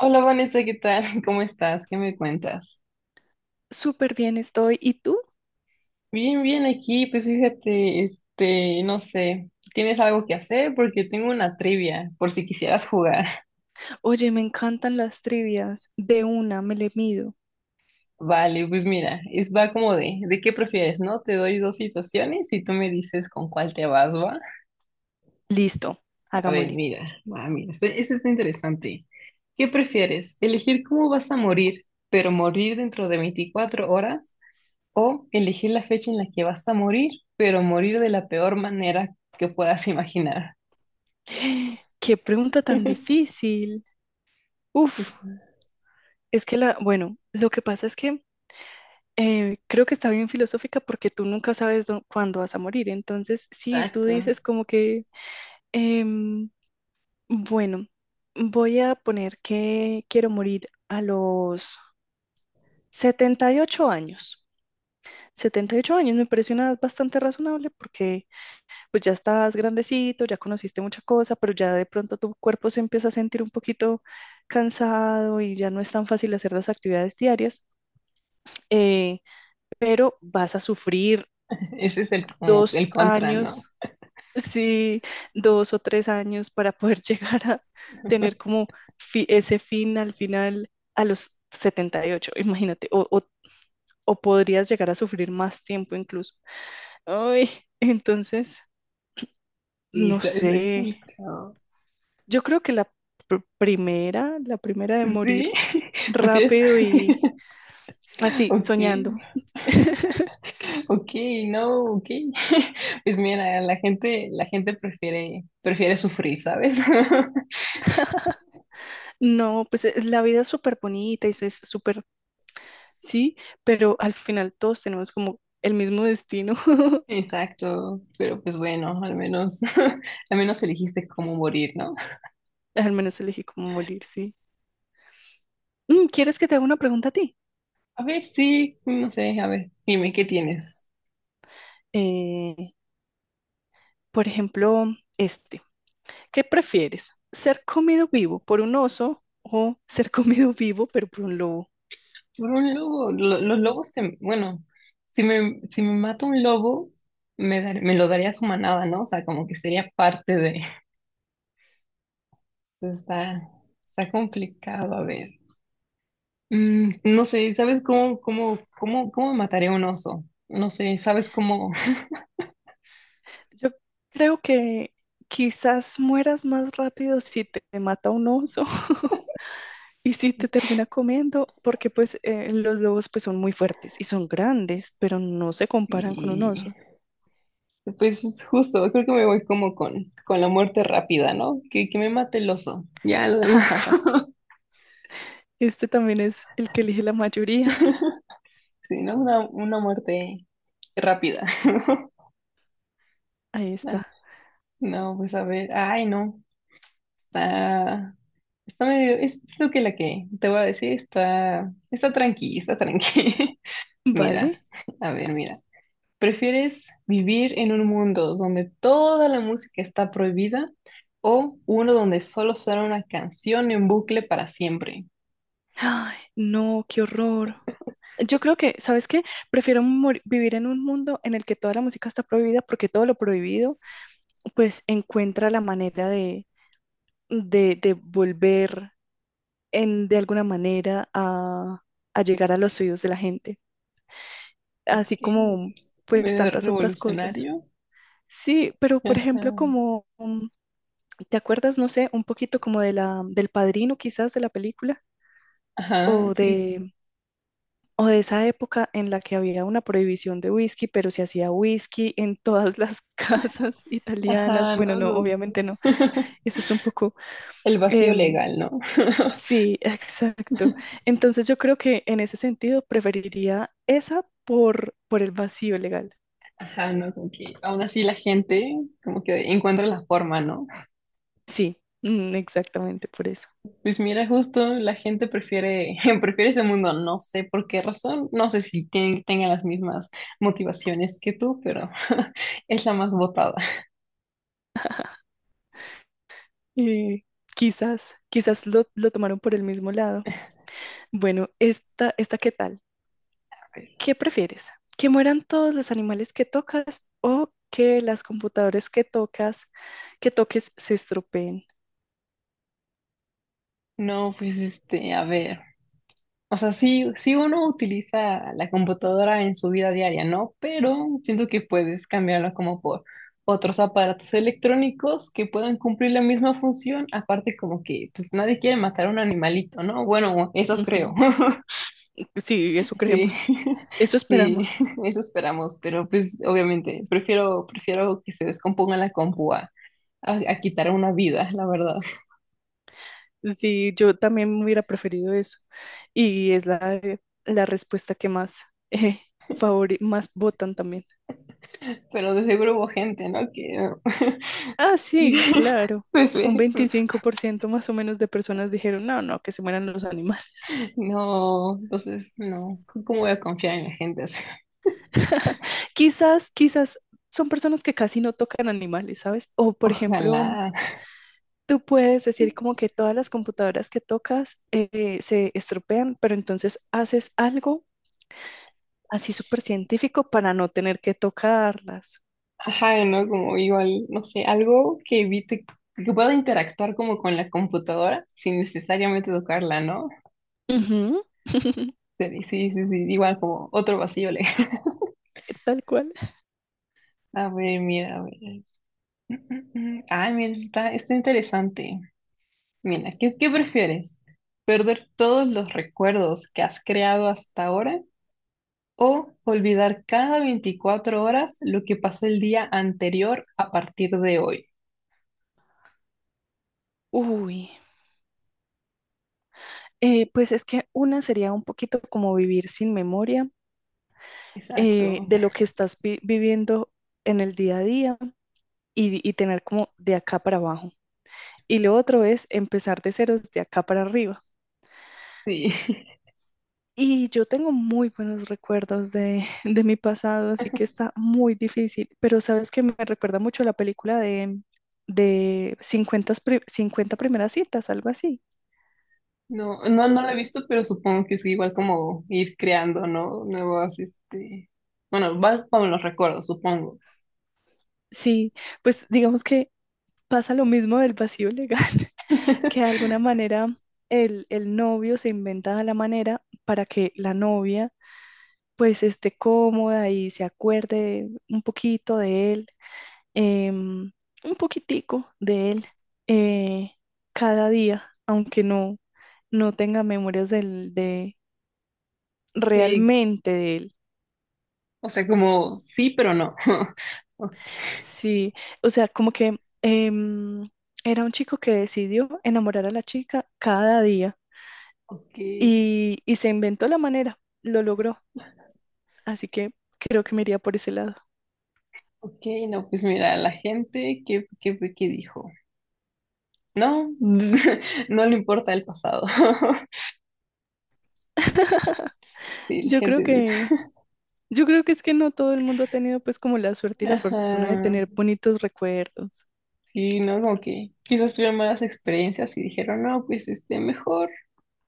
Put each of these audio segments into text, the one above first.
Hola Vanessa, ¿qué tal? ¿Cómo estás? ¿Qué me cuentas? Súper bien estoy. ¿Y tú? Bien, bien aquí, pues fíjate, no sé, ¿tienes algo que hacer? Porque tengo una trivia, por si quisieras jugar. Oye, me encantan las trivias. De una, me le mido. Vale, pues mira, es va como ¿de qué prefieres, no? Te doy dos situaciones y tú me dices con cuál te vas, ¿va? Listo, A ver, hagámosle. mira, va, mira, este está interesante. ¿Qué prefieres? ¿Elegir cómo vas a morir, pero morir dentro de 24 horas? O elegir la fecha en la que vas a morir, pero morir de la peor manera que puedas imaginar. Qué pregunta tan difícil. Uf, es que la, bueno, lo que pasa es que creo que está bien filosófica porque tú nunca sabes cuándo vas a morir. Entonces, sí, tú Exacto. dices como que, em, bueno, voy a poner que quiero morir a los 78 años. 78 años me parece una edad bastante razonable porque pues ya estás grandecito, ya conociste mucha cosa, pero ya de pronto tu cuerpo se empieza a sentir un poquito cansado y ya no es tan fácil hacer las actividades diarias, eh, pero vas a sufrir Ese es el, como el dos contra, años, ¿no? sí, 2 o 3 años para poder llegar a tener como ese fin al final a los 78. Imagínate, o podrías llegar a sufrir más tiempo incluso. Ay, entonces, Sí, no está sé. complicado. Yo creo que la primera de morir Sí, porque es... rápido y así, Ok, soñando. ok, no, ok. Pues mira, la gente prefiere, sufrir, ¿sabes? No, pues la vida es súper bonita y es súper, sí, pero al final todos tenemos como el mismo destino. Exacto, pero pues bueno, al menos, al menos elegiste cómo morir, ¿no? Al menos elegí como morir, sí. Mm, ¿quieres que te haga una pregunta a ti? A ver, sí, no sé, a ver, dime, ¿qué tienes? Eh, por ejemplo, este, ¿qué prefieres? ¿Ser comido vivo por un oso o ser comido vivo pero por un lobo? Por un lobo, los lobos te, bueno, si me mata un lobo, me lo daría a su manada, ¿no? O sea, como que sería parte de... Entonces, está, complicado, a ver. Mm, no sé, ¿sabes cómo mataría un oso? No sé, ¿sabes cómo? Yo creo que quizás mueras más rápido si te mata un oso y si te termina comiendo, porque pues los lobos pues son muy fuertes y son grandes, pero no se comparan con un Y oso. pues es justo, creo que me voy como con la muerte rápida, ¿no? Que me mate el oso. Ya, lo demás. Este también es el que elige la mayoría. Sí, ¿no? Una muerte rápida. Ahí está. No, pues a ver, ay, no. Está, medio, es lo que la que te voy a decir, está, tranqui, está tranqui. Vale. Mira, a ver, mira. ¿Prefieres vivir en un mundo donde toda la música está prohibida o uno donde solo suena una canción en bucle para siempre? Ay, no, qué horror. Yo creo que, ¿sabes qué? Prefiero vivir en un mundo en el que toda la música está prohibida porque todo lo prohibido pues encuentra la manera de de volver en, de alguna manera a llegar a los oídos de la gente, así ¿Qué? como pues Medio tantas otras cosas. revolucionario. Sí, pero por Ajá, ejemplo, como, ¿te acuerdas, no sé, un poquito como de la, del Padrino quizás de la película? ajá, O sí. de, o de esa época en la que había una prohibición de whisky, pero se hacía whisky en todas las casas italianas. Ajá, Bueno, no, no, no. obviamente no. Eso es un poco, El vacío em, legal, ¿no? sí, exacto. Entonces yo creo que en ese sentido preferiría esa por el vacío legal. Ajá, no, como que aún así la gente como que encuentra la forma, ¿no? Sí, mm, exactamente por eso. Pues mira, justo la gente prefiere, prefiere ese mundo, no sé por qué razón, no sé si tienen, tengan las mismas motivaciones que tú, pero es la más votada. Eh, Quizás, quizás lo tomaron por el mismo lado. Bueno, esta ¿qué tal? ¿Qué prefieres? ¿Que mueran todos los animales que tocas o que las computadoras que tocas, que toques se estropeen? No, pues a ver, o sea, sí, sí uno utiliza la computadora en su vida diaria, ¿no? Pero siento que puedes cambiarlo como por otros aparatos electrónicos que puedan cumplir la misma función, aparte como que pues nadie quiere matar a un animalito, ¿no? Bueno, eso creo. Ujú. Sí, eso Sí, creemos. Eso sí, esperamos. eso esperamos, pero pues obviamente prefiero, que se descomponga la compu a, a quitar una vida, la verdad. Sí, yo también hubiera preferido eso. Y es la, la respuesta que más, eh, más votan también. Pero de seguro hubo gente, ¿no? Que Ah, sí, claro. pues, Un sí. 25% más o menos de personas dijeron, no, no, que se mueran los animales. No, entonces no, ¿cómo voy a confiar en la gente? ¿Así? Quizás, quizás son personas que casi no tocan animales, ¿sabes? O, por ejemplo, Ojalá. tú puedes decir como que todas las computadoras que tocas se estropean, pero entonces haces algo así súper científico para no tener que tocarlas. Ajá, ¿no? Como igual, no sé, algo que evite, que pueda interactuar como con la computadora sin necesariamente tocarla, ¿no? Ujú, Sí, sí, igual como otro vacío. tal cual. A ver, mira, a ver. Ay, mira, está, interesante. Mira, ¿qué prefieres? ¿Perder todos los recuerdos que has creado hasta ahora o olvidar cada 24 horas lo que pasó el día anterior a partir de hoy? Uy, pues es que una sería un poquito como vivir sin memoria Exacto. de lo que estás viviendo en el día a día y tener como de acá para abajo. Y lo otro es empezar de ceros de acá para arriba. Sí. Y yo tengo muy buenos recuerdos de, de mi pasado, así que está muy difícil, pero sabes que me recuerda mucho a la película de 50 50 primeras citas, algo así. No, no lo he visto, pero supongo que es igual como ir creando, ¿no? Nuevos, este... Bueno, va con los recuerdos, supongo. Sí, pues digamos que pasa lo mismo del vacío legal, que de alguna manera el novio se inventa la manera para que la novia pues esté cómoda y se acuerde un poquito de él, em, un poquitico de él eh, cada día, aunque no, no tenga memorias del, de Ok, realmente de él. o sea, como sí, pero no. O- Sí, o sea, como que em, era un chico que decidió enamorar a la chica cada día Ok, y se inventó la manera, lo logró, así que creo que me iría por ese lado. ok, no, pues mira, la gente, fue que dijo? No, no le importa el pasado. Sí, la Yo creo gente dice, que, yo creo que es que no todo el mundo ha tenido pues como la suerte y la fortuna de ajá, tener bonitos recuerdos, sí, no, como que quizás tuvieron malas experiencias y dijeron, no, pues mejor,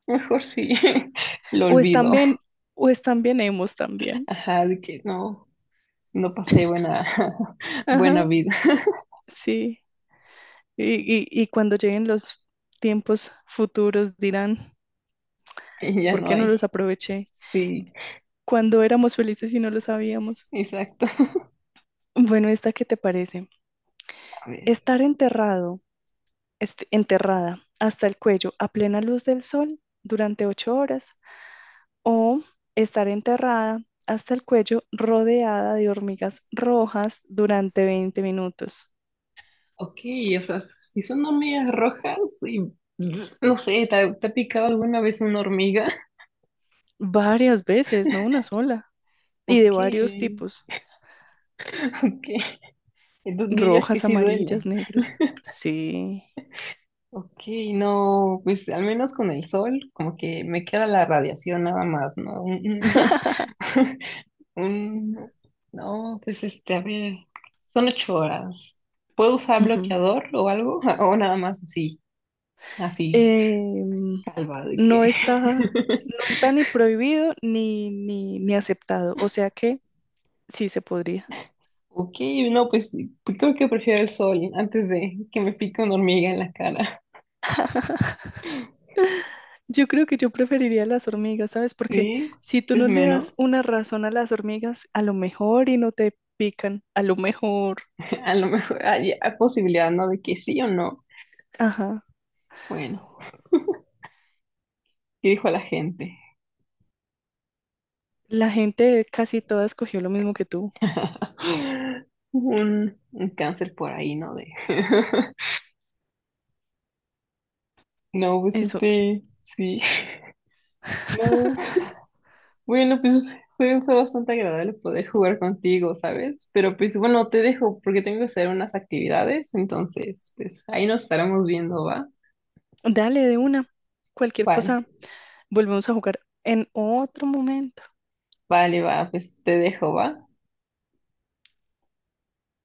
mejor sí, lo o están olvido. bien, o están bien hemos también, Ajá, de que no, no pasé buena, buena ajá, vida sí, y, y cuando lleguen los tiempos futuros dirán, y ya ¿por no qué no los hay. aproveché? Sí, Cuando éramos felices y no lo sabíamos. exacto. Bueno, ¿esta qué te parece? A ver. Estar enterrado enterrada hasta el cuello a plena luz del sol durante 8 horas o estar enterrada hasta el cuello rodeada de hormigas rojas durante 20 minutos. Ok, o sea, si son hormigas rojas y no sé, ¿te ha picado alguna vez una hormiga? Varias veces, no una sola. Y de Ok, varios tipos. ok. Entonces dirías que Rojas, sí duele. amarillas, negras. Sí. Ok, no, pues al menos con el sol, como que me queda la radiación nada más, ¿no? Un- un- no, pues a ver, son 8 horas. ¿Puedo usar Ujú. bloqueador o algo? O nada más así, así, Em, calva de no que. está, no está ni prohibido ni, ni aceptado. O sea que sí se podría. Ok, no, pues creo que prefiero el sol antes de que me pique una hormiga en la cara. Yo creo que yo preferiría las hormigas, ¿sabes? Porque Sí, si tú es no le das una menos. razón a las hormigas, a lo mejor y no te pican, a lo mejor. A lo mejor hay posibilidad, ¿no? De que sí o no. Ajá. Bueno, ¿qué dijo la gente? La gente casi toda escogió lo mismo que tú. Un cáncer por ahí, ¿no? De... No, pues Eso. este, sí. No. Bueno, pues fue bastante agradable poder jugar contigo, ¿sabes? Pero pues bueno, te dejo porque tengo que hacer unas actividades, entonces, pues ahí nos estaremos viendo, ¿va? Dale de una. Cualquier Vale, cosa, volvemos a jugar en otro momento. vale, va, pues te dejo, va.